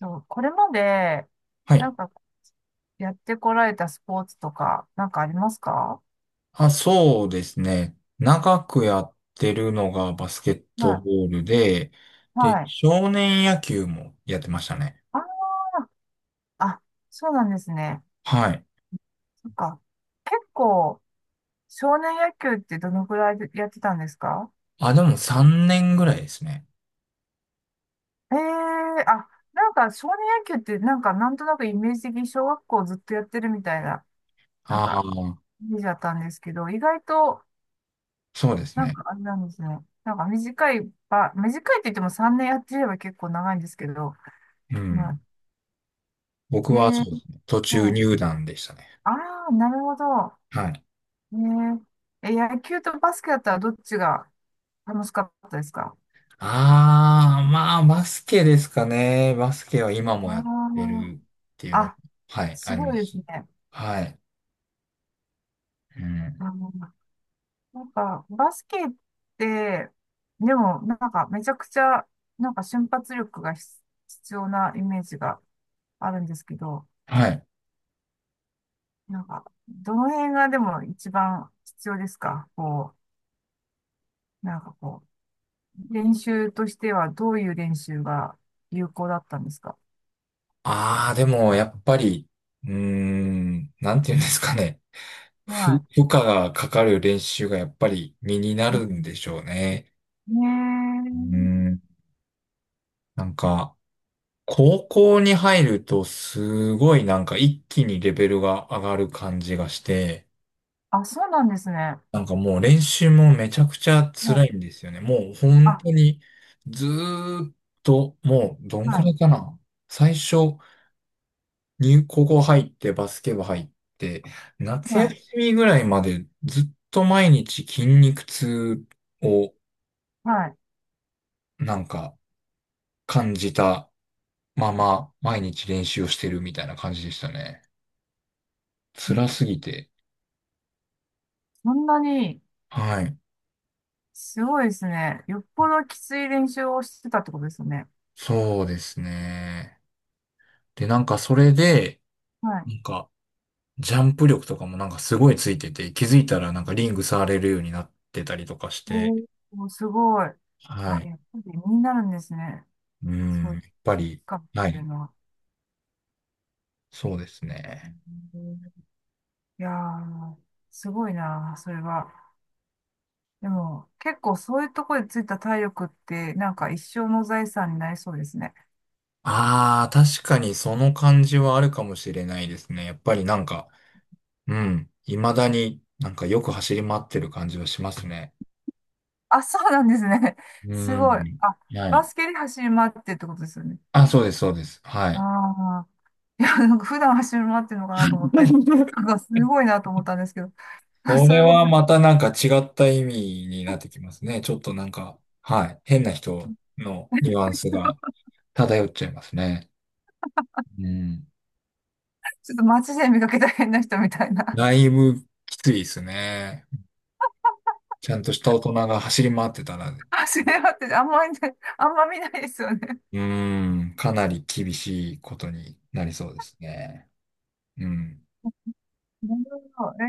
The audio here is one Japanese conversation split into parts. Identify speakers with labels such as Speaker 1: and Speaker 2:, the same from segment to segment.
Speaker 1: そうこれまで、
Speaker 2: は
Speaker 1: な
Speaker 2: い。
Speaker 1: んか、やってこられたスポーツとか、なんかありますか？
Speaker 2: あ、そうですね。長くやってるのがバスケッ
Speaker 1: は
Speaker 2: ト
Speaker 1: い。
Speaker 2: ボールで、で、
Speaker 1: はい。
Speaker 2: 少年野球もやってましたね。
Speaker 1: ああ、そうなんですね。
Speaker 2: はい。
Speaker 1: そっか。結構、少年野球ってどのくらいでやってたんですか？
Speaker 2: あ、でも3年ぐらいですね。
Speaker 1: ええーあ、なんか少年野球ってなんかなんとなくイメージ的に小学校ずっとやってるみたいな、なん
Speaker 2: ああ、
Speaker 1: か、イメージだったんですけど、意外と、
Speaker 2: そうです
Speaker 1: なん
Speaker 2: ね。
Speaker 1: かあれなんですね。なんか短い短いって言っても3年やってれば結構長いんですけど、
Speaker 2: う
Speaker 1: うん。
Speaker 2: ん。僕
Speaker 1: ねえ
Speaker 2: はそうですね。途
Speaker 1: ー、
Speaker 2: 中
Speaker 1: はい。
Speaker 2: 入団でしたね。
Speaker 1: ああ、なるほど。
Speaker 2: はい。
Speaker 1: え野球とバスケだったらどっちが楽しかったですか？
Speaker 2: ああ、まあ、バスケですかね。バスケは今
Speaker 1: あ
Speaker 2: もやってるっていう
Speaker 1: あ
Speaker 2: の、
Speaker 1: あ、
Speaker 2: はい、あ
Speaker 1: す
Speaker 2: りま
Speaker 1: ごいです
Speaker 2: す。
Speaker 1: ね。
Speaker 2: はい。うん。
Speaker 1: あの、なんか、バスケって、でも、めちゃくちゃ、なんか瞬発力が必必要なイメージがあるんですけど、
Speaker 2: はい。
Speaker 1: なんか、どの辺がでも一番必要ですか？こう、なんかこう、練習としてはどういう練習が有効だったんですか？
Speaker 2: ああ、でも、やっぱり、なんていうんですかね。ふ
Speaker 1: はい。
Speaker 2: 負荷がかかる練習がやっぱり身にな
Speaker 1: う
Speaker 2: るん
Speaker 1: ん。
Speaker 2: でしょうね。
Speaker 1: ね
Speaker 2: うー
Speaker 1: え。
Speaker 2: ん、なんか、高校に入るとすごいなんか一気にレベルが上がる感じがして、
Speaker 1: あ、そうなんですね。
Speaker 2: なんかもう練習もめちゃくちゃ
Speaker 1: もう、
Speaker 2: 辛いんですよね。もう本
Speaker 1: あ、
Speaker 2: 当にずーっと、もうどんくらいか
Speaker 1: は
Speaker 2: な。最初入高校入ってバスケ部入って、
Speaker 1: い、
Speaker 2: 夏
Speaker 1: は
Speaker 2: 休
Speaker 1: い、
Speaker 2: みぐらいまでずっと毎日筋肉痛を
Speaker 1: はい。
Speaker 2: なんか感じたまま毎日練習をしてるみたいな感じでしたね。辛すぎて。
Speaker 1: そんなに、
Speaker 2: はい。
Speaker 1: すごいですね。よっぽどきつい練習をしてたってことですよね。
Speaker 2: そうですね。で、なんかそれで、
Speaker 1: はい。
Speaker 2: なんかジャンプ力とかもなんかすごいついてて、気づいたらなんかリング触れるようになってたりとかして、
Speaker 1: おー、すごい。
Speaker 2: は
Speaker 1: あ、
Speaker 2: い。
Speaker 1: やっぱり身になるんですね。
Speaker 2: う
Speaker 1: そ
Speaker 2: ん、や
Speaker 1: う、
Speaker 2: っぱり、
Speaker 1: かっ
Speaker 2: は
Speaker 1: ていう
Speaker 2: い。
Speaker 1: のは。
Speaker 2: そうですね。
Speaker 1: うん。いやー、すごいな、それは。でも、結構そういうところでついた体力って、なんか一生の財産になりそうですね。
Speaker 2: ああ、確かにその感じはあるかもしれないですね。やっぱりなんか、うん、未だになんかよく走り回ってる感じはしますね。
Speaker 1: あ、そうなんですね。
Speaker 2: う
Speaker 1: すごい。
Speaker 2: ん。
Speaker 1: あ、
Speaker 2: は
Speaker 1: バ
Speaker 2: い。
Speaker 1: スケで走り回ってってことですよね。
Speaker 2: あ、そうです、そうです。はい。
Speaker 1: ああ。いや、なんか普段走り回ってるのかなと思って。なんかすごいなと思ったんですけど、あ
Speaker 2: そ
Speaker 1: そう
Speaker 2: れ
Speaker 1: いうこと
Speaker 2: は
Speaker 1: で、
Speaker 2: またなんか違った意味になってきますね。ちょっとなんか、はい。変な人の ニュアンスが
Speaker 1: 人
Speaker 2: 漂っちゃいますね。うん。
Speaker 1: ちょっと街で見かけた変な人みたいな。
Speaker 2: だいぶきついですね。ちゃんとした大人が走り回ってたら
Speaker 1: 走り回ってて、あんまりね、あんま見ないですよね。
Speaker 2: うーん、かなり厳しいことになりそうですね。うん。
Speaker 1: なるほど。え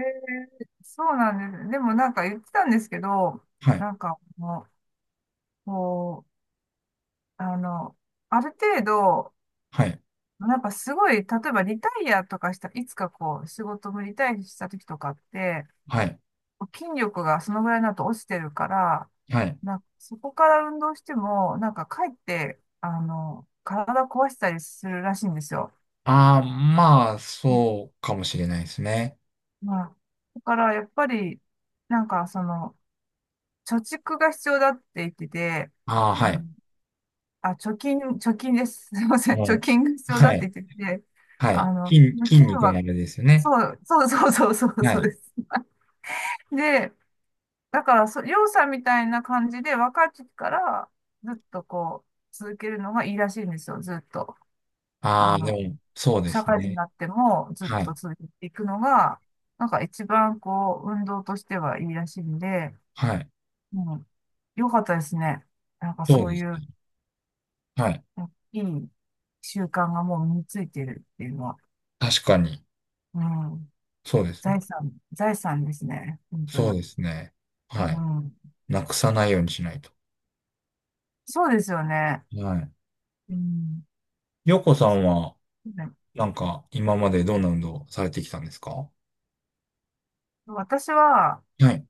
Speaker 1: えそうなんです。でもなんか言ってたんですけど、
Speaker 2: はい、
Speaker 1: なんかもう、こう、あの、ある程度、
Speaker 2: はい、
Speaker 1: なんかすごい、例えばリタイアとかした、いつかこう、仕事もリタイアした時とかって、
Speaker 2: はい、
Speaker 1: 筋力がそのぐらいになると落ちてるから、
Speaker 2: はい。
Speaker 1: なんかそこから運動しても、なんかかえって、あの、体壊したりするらしいんですよ。
Speaker 2: ああ、まあ、そうかもしれないですね。
Speaker 1: まあ、だからやっぱり、なんかその、貯蓄が必要だって言ってて、
Speaker 2: ああ、は
Speaker 1: あの、
Speaker 2: い。
Speaker 1: あ、貯金です。すいません。貯
Speaker 2: も
Speaker 1: 金が
Speaker 2: う、
Speaker 1: 必要だ
Speaker 2: は
Speaker 1: って
Speaker 2: い、
Speaker 1: 言ってて、
Speaker 2: は
Speaker 1: あ
Speaker 2: い。
Speaker 1: の、
Speaker 2: 筋、筋
Speaker 1: 金
Speaker 2: 肉
Speaker 1: は、
Speaker 2: のあれですよね。
Speaker 1: そうそうそうそう
Speaker 2: は
Speaker 1: そう
Speaker 2: い。
Speaker 1: です。で、だからそ、りょうさんみたいな感じで、若い時からずっとこう、続けるのがいいらしいんですよ、ずっと。あ
Speaker 2: ああ、で
Speaker 1: の、
Speaker 2: も、そうで
Speaker 1: 社
Speaker 2: す
Speaker 1: 会人に
Speaker 2: ね。
Speaker 1: なってもずっ
Speaker 2: は
Speaker 1: と
Speaker 2: い、
Speaker 1: 続けていくのが、なんか一番こう、運動としてはいいらしいんで、
Speaker 2: はい。
Speaker 1: うん、よかったですね。なんか
Speaker 2: そう
Speaker 1: そ
Speaker 2: で
Speaker 1: う
Speaker 2: す
Speaker 1: いう、
Speaker 2: ね。はい。
Speaker 1: いい習慣がもう身についてるっていうのは、
Speaker 2: 確かに、
Speaker 1: うん、
Speaker 2: そうですね。
Speaker 1: 財産ですね、本当
Speaker 2: そう
Speaker 1: に。
Speaker 2: ですね。は
Speaker 1: う
Speaker 2: い。
Speaker 1: ん、
Speaker 2: なくさないようにしないと。
Speaker 1: そうですよね。
Speaker 2: は
Speaker 1: うん。
Speaker 2: い。よこさん
Speaker 1: そ
Speaker 2: は、
Speaker 1: う。
Speaker 2: なんか、今までどんな運動されてきたんですか？
Speaker 1: 私は、
Speaker 2: はい。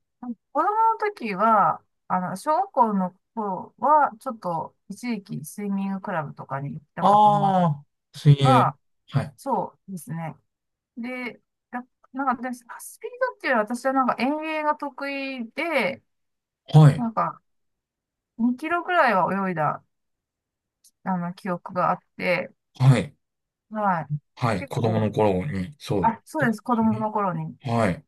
Speaker 1: 子供の時は、あの、小学校の頃は、ちょっと一時期スイミングクラブとかに行ったこともあっ
Speaker 2: ああ、水
Speaker 1: た
Speaker 2: 泳。
Speaker 1: が、
Speaker 2: はい。
Speaker 1: そうですね。で、やなんかで、スピードっていうのは私はなんか遠泳が得意で、
Speaker 2: はい。
Speaker 1: なんか2キロぐらいは泳いだ、あの、記憶があって、
Speaker 2: はい。
Speaker 1: はい。
Speaker 2: はい。
Speaker 1: 結
Speaker 2: 子供
Speaker 1: 構、
Speaker 2: の頃に、そうっ
Speaker 1: あ、そ
Speaker 2: て
Speaker 1: う
Speaker 2: こ
Speaker 1: です、子
Speaker 2: と
Speaker 1: 供
Speaker 2: ね。
Speaker 1: の頃に。
Speaker 2: はい。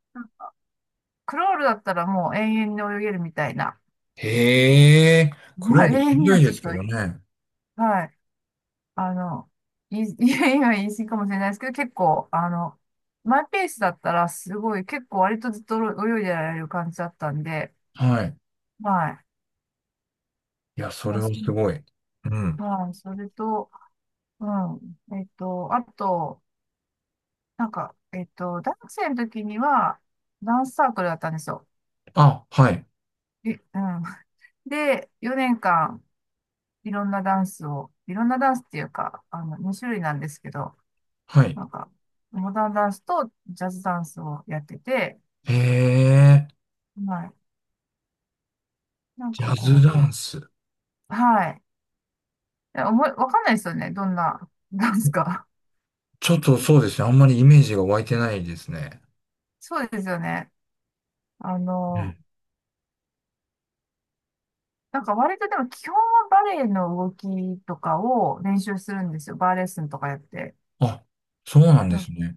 Speaker 1: クロールだったらもう永遠に泳げるみたいな。
Speaker 2: へえ、ク
Speaker 1: ま
Speaker 2: ロ
Speaker 1: あ、
Speaker 2: ー
Speaker 1: 永
Speaker 2: ルし
Speaker 1: 遠
Speaker 2: ん
Speaker 1: に
Speaker 2: ど
Speaker 1: は
Speaker 2: いで
Speaker 1: ちょっ
Speaker 2: す
Speaker 1: と、
Speaker 2: けどね。
Speaker 1: はい。あの、い、いやいや言い過ぎかもしれないですけど、結構、あの、マイペースだったら、すごい、結構割とずっと泳いでられる感じだったんで、
Speaker 2: はい。
Speaker 1: は
Speaker 2: いや、
Speaker 1: い。
Speaker 2: それはすごい。うん。
Speaker 1: はい、それと、うん。えっと、あと、大学生の時には、ダンスサークルだったんですよ。
Speaker 2: あ、はい。
Speaker 1: え、うん。で、4年間、いろんなダンスっていうか、あの、2種類なんですけど、
Speaker 2: はい。
Speaker 1: なんか、モダンダンスとジャズダンスをやってて、
Speaker 2: へえ、
Speaker 1: はい。なん
Speaker 2: ジ
Speaker 1: か
Speaker 2: ャズ
Speaker 1: こ
Speaker 2: ダンス。
Speaker 1: う、はい。思わかんないですよね。どんなダンスか。
Speaker 2: ちょっとそうですね。あんまりイメージが湧いてないですね。
Speaker 1: そうですよね。あ
Speaker 2: うん。
Speaker 1: の、なんか割とでも基本はバレエの動きとかを練習するんですよ。バーレッスンとかやって。
Speaker 2: あ、そうなん
Speaker 1: う
Speaker 2: で
Speaker 1: ん。
Speaker 2: すね。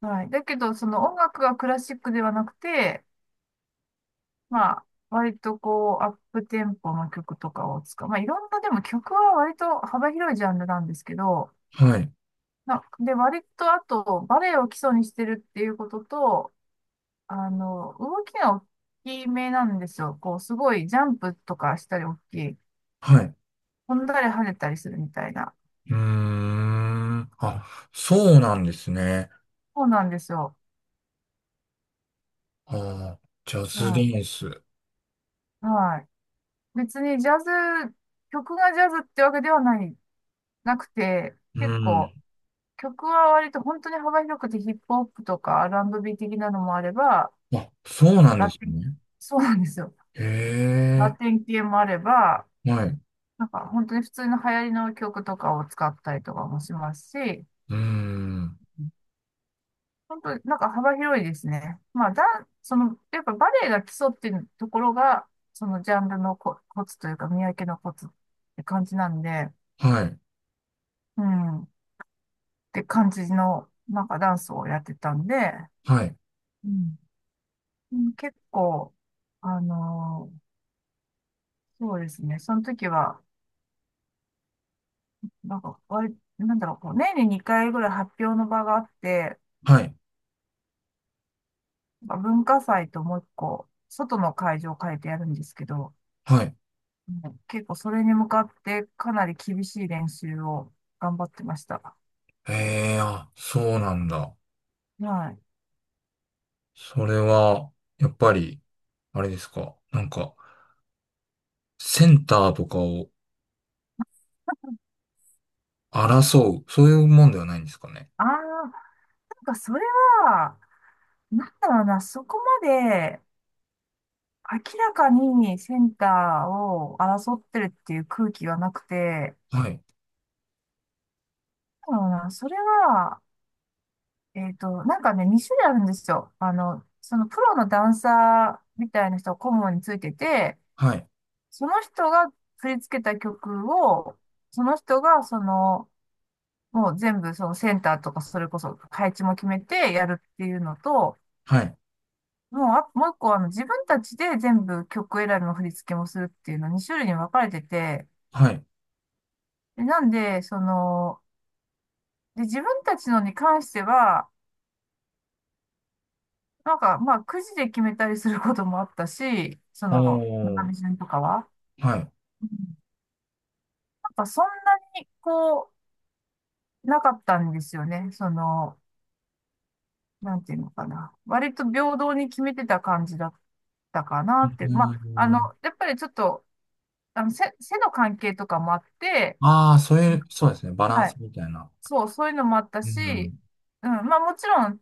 Speaker 1: はい。だけど、その音楽がクラシックではなくて、まあ、割とこう、アップテンポの曲とかを使う。まあ、いろんな、でも曲は割と幅広いジャンルなんですけど、
Speaker 2: はい。
Speaker 1: 割とあと、バレエを基礎にしてるっていうことと、あの、動きが大きめなんですよ。こう、すごいジャンプとかしたり大きい。
Speaker 2: はい。
Speaker 1: 飛んだり跳ねたりするみたいな。
Speaker 2: うーん。あ、そうなんですね。
Speaker 1: そうなんですよ。
Speaker 2: ああ、ジャ
Speaker 1: う
Speaker 2: ズ
Speaker 1: ん。
Speaker 2: ダンス。
Speaker 1: はい。別にジャズ、曲がジャズってわけではない、なくて、
Speaker 2: う
Speaker 1: 結
Speaker 2: ん。
Speaker 1: 構、曲は割と本当に幅広くてヒップホップとかアールアン r ー的なのもあれば、
Speaker 2: あ、そうなんで
Speaker 1: ラ
Speaker 2: す
Speaker 1: テン、
Speaker 2: ね。
Speaker 1: そうなんですよ。
Speaker 2: へ
Speaker 1: ラテン系もあれば、
Speaker 2: え、はい。
Speaker 1: なんか本当に普通の流行りの曲とかを使ったりとかもしますし、
Speaker 2: うん。
Speaker 1: 本当になんか幅広いですね。その、やっぱバレエが基礎っていうところが、そのジャンルのコツというか、見分けのコツって感じなんで、
Speaker 2: はい。
Speaker 1: うん、って感じの、なんかダンスをやってたんで、
Speaker 2: はい。
Speaker 1: うん、うん。結構、あのーそうですね、その時は、なんだろう、こう、年に2回ぐらい発表の場があって、
Speaker 2: はい。
Speaker 1: まあ文化祭ともう一個、外の会場を変えてやるんですけど、
Speaker 2: はい。
Speaker 1: う結構それに向かってかなり厳しい練習を頑張ってました。
Speaker 2: ええ、あ、そうなんだ。
Speaker 1: はい。
Speaker 2: それは、やっぱり、あれですか。なんか、センターとかを争う、そういうもんではないんですかね。
Speaker 1: ああ、なんかそれは、なんだろうな、そこまで明らかにセンターを争ってるっていう空気がなくて、
Speaker 2: はい。
Speaker 1: なんだろうな、それは、えっと、なんかね、2種類あるんですよ。あの、そのプロのダンサーみたいな人が顧問についてて、
Speaker 2: はい。
Speaker 1: その人が振り付けた曲を、その人がその、もう全部そのセンターとかそれこそ配置も決めてやるっていうのと、
Speaker 2: はい。
Speaker 1: もう一個あの自分たちで全部曲選びの振り付けもするっていうのに種類に分かれてて、
Speaker 2: はい。
Speaker 1: でなんで、その、で、自分たちのに関しては、なんかまあくじで決めたりすることもあったし、そ
Speaker 2: お
Speaker 1: の、中
Speaker 2: ー。
Speaker 1: 身順とかは。
Speaker 2: はい。
Speaker 1: うん。なんかそんなにこう、なかったんですよね。その、なんていうのかな。割と平等に決めてた感じだったかな
Speaker 2: う
Speaker 1: って。まあ、あの、
Speaker 2: ん。
Speaker 1: やっぱりちょっと、あの、背の関係とかもあって、
Speaker 2: ああ、そう
Speaker 1: あ
Speaker 2: いう、そうで
Speaker 1: の、
Speaker 2: すね。バラン
Speaker 1: は
Speaker 2: ス
Speaker 1: い。
Speaker 2: みたいな。
Speaker 1: そう、そういうのもあった
Speaker 2: う
Speaker 1: し、
Speaker 2: ん。
Speaker 1: うん、まあもちろん、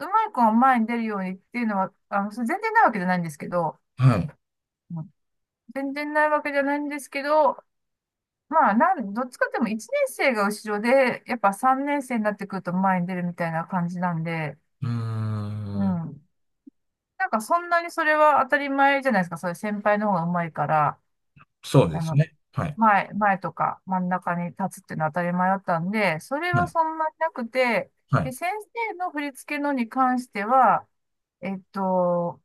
Speaker 1: うまい子が前に出るようにっていうのは、あの、それ全然ないわけじゃないんですけど、
Speaker 2: はい。
Speaker 1: うん全然ないわけじゃないんですけど、まあ、どっちかっていうと1年生が後ろで、やっぱ3年生になってくると前に出るみたいな感じなんで、
Speaker 2: うー
Speaker 1: う
Speaker 2: ん。
Speaker 1: ん。なんかそんなにそれは当たり前じゃないですか。そういう先輩の方が上手いから、
Speaker 2: そうで
Speaker 1: あ
Speaker 2: す
Speaker 1: の、
Speaker 2: ね。はい。
Speaker 1: 前とか真ん中に立つっていうのは当たり前だったんで、それ
Speaker 2: は
Speaker 1: は
Speaker 2: い。
Speaker 1: そんなになくて、
Speaker 2: は
Speaker 1: で、
Speaker 2: い。
Speaker 1: 先生の振り付けのに関しては、えっと、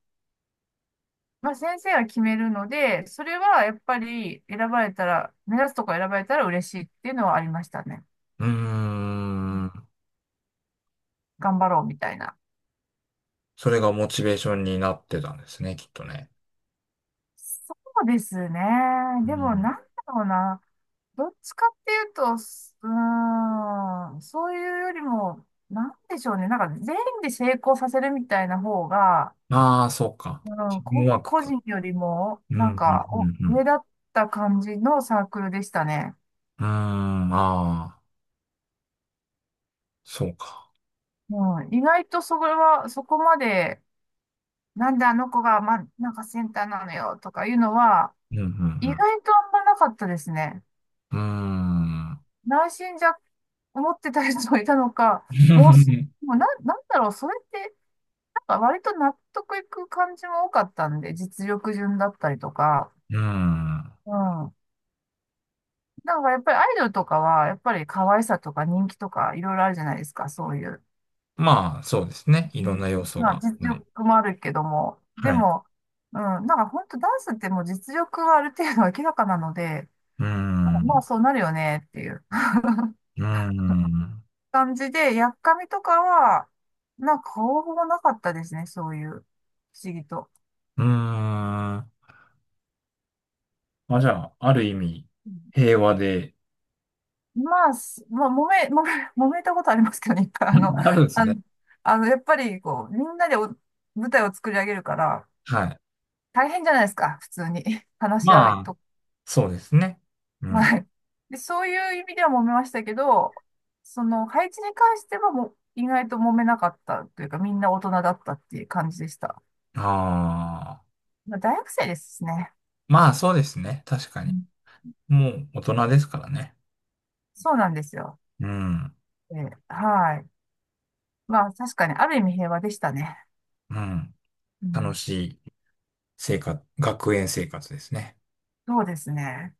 Speaker 1: まあ、先生が決めるので、それはやっぱり選ばれたら、目指すとこ選ばれたら嬉しいっていうのはありましたね。
Speaker 2: うーん。
Speaker 1: 頑張ろうみたいな。
Speaker 2: それがモチベーションになってたんですね、きっとね。
Speaker 1: そうですね。
Speaker 2: う
Speaker 1: でも
Speaker 2: ん。
Speaker 1: なんだろうな。どっちかっていうと、すうーん、そういうよりも、なんでしょうね。なんか全員で成功させるみたいな方が、
Speaker 2: ああ、そうか。
Speaker 1: う
Speaker 2: チ
Speaker 1: ん、
Speaker 2: ームワーク
Speaker 1: 個
Speaker 2: か。
Speaker 1: 人よりも、
Speaker 2: うん、う
Speaker 1: なん
Speaker 2: ん、うん、
Speaker 1: か、お、
Speaker 2: う
Speaker 1: 上
Speaker 2: ん。
Speaker 1: だった感じのサークルでしたね。
Speaker 2: うーん、ああ、そうか。
Speaker 1: うん、意外とそれは、そこまで、なんであの子が、ま、なんかセンターなのよとかいうのは、
Speaker 2: うん、う
Speaker 1: 意
Speaker 2: ん、
Speaker 1: 外とあんまなかったですね。
Speaker 2: うん。うーん。
Speaker 1: 内心じゃ、思ってた人もいたのか、もうす、もうな、なんだろう、それって、あ割と納得いく感じも多かったんで、実力順だったりとか、
Speaker 2: うん。
Speaker 1: うん。なんかやっぱりアイドルとかは、やっぱり可愛さとか人気とかいろいろあるじゃないですか、そういう。
Speaker 2: まあ、そうですね。い
Speaker 1: う
Speaker 2: ろん
Speaker 1: ん。
Speaker 2: な要素
Speaker 1: まあ
Speaker 2: が。
Speaker 1: 実
Speaker 2: はい。
Speaker 1: 力もあるけども、で
Speaker 2: はい。
Speaker 1: も、うん、なんか本当ダンスってもう実力はある程度明らかなので、
Speaker 2: うー
Speaker 1: なんかまあ
Speaker 2: ん。
Speaker 1: そうなるよねっていう
Speaker 2: うーん。
Speaker 1: 感じで、やっかみとかは、なんか方法なかったですね、そういう、不思議と。
Speaker 2: うーん。まあ、じゃあ、ある意味、平和で、
Speaker 1: まあ、揉め、揉め、揉めたことありますけどね、一回。
Speaker 2: あるんです
Speaker 1: あ
Speaker 2: ね。
Speaker 1: の、あのやっぱり、こう、みんなでお舞台を作り上げるから、
Speaker 2: はい。
Speaker 1: 大変じゃないですか、普通に。話し合う
Speaker 2: まあ、
Speaker 1: と。
Speaker 2: そうですね。う ん。
Speaker 1: はい。で、そういう意味では揉めましたけど、その、配置に関してはもう、意外と揉めなかったというか、みんな大人だったっていう感じでした。
Speaker 2: ああ。
Speaker 1: まあ、大学生ですね。
Speaker 2: まあ、そうですね。確か
Speaker 1: う
Speaker 2: に。
Speaker 1: ん。
Speaker 2: もう大人ですからね。
Speaker 1: そうなんですよ。
Speaker 2: うん。
Speaker 1: えー、はい。まあ、確かに、ある意味平和でしたね。
Speaker 2: うん。
Speaker 1: う
Speaker 2: 楽
Speaker 1: ん、
Speaker 2: しい生活、学園生活ですね。
Speaker 1: そうですね。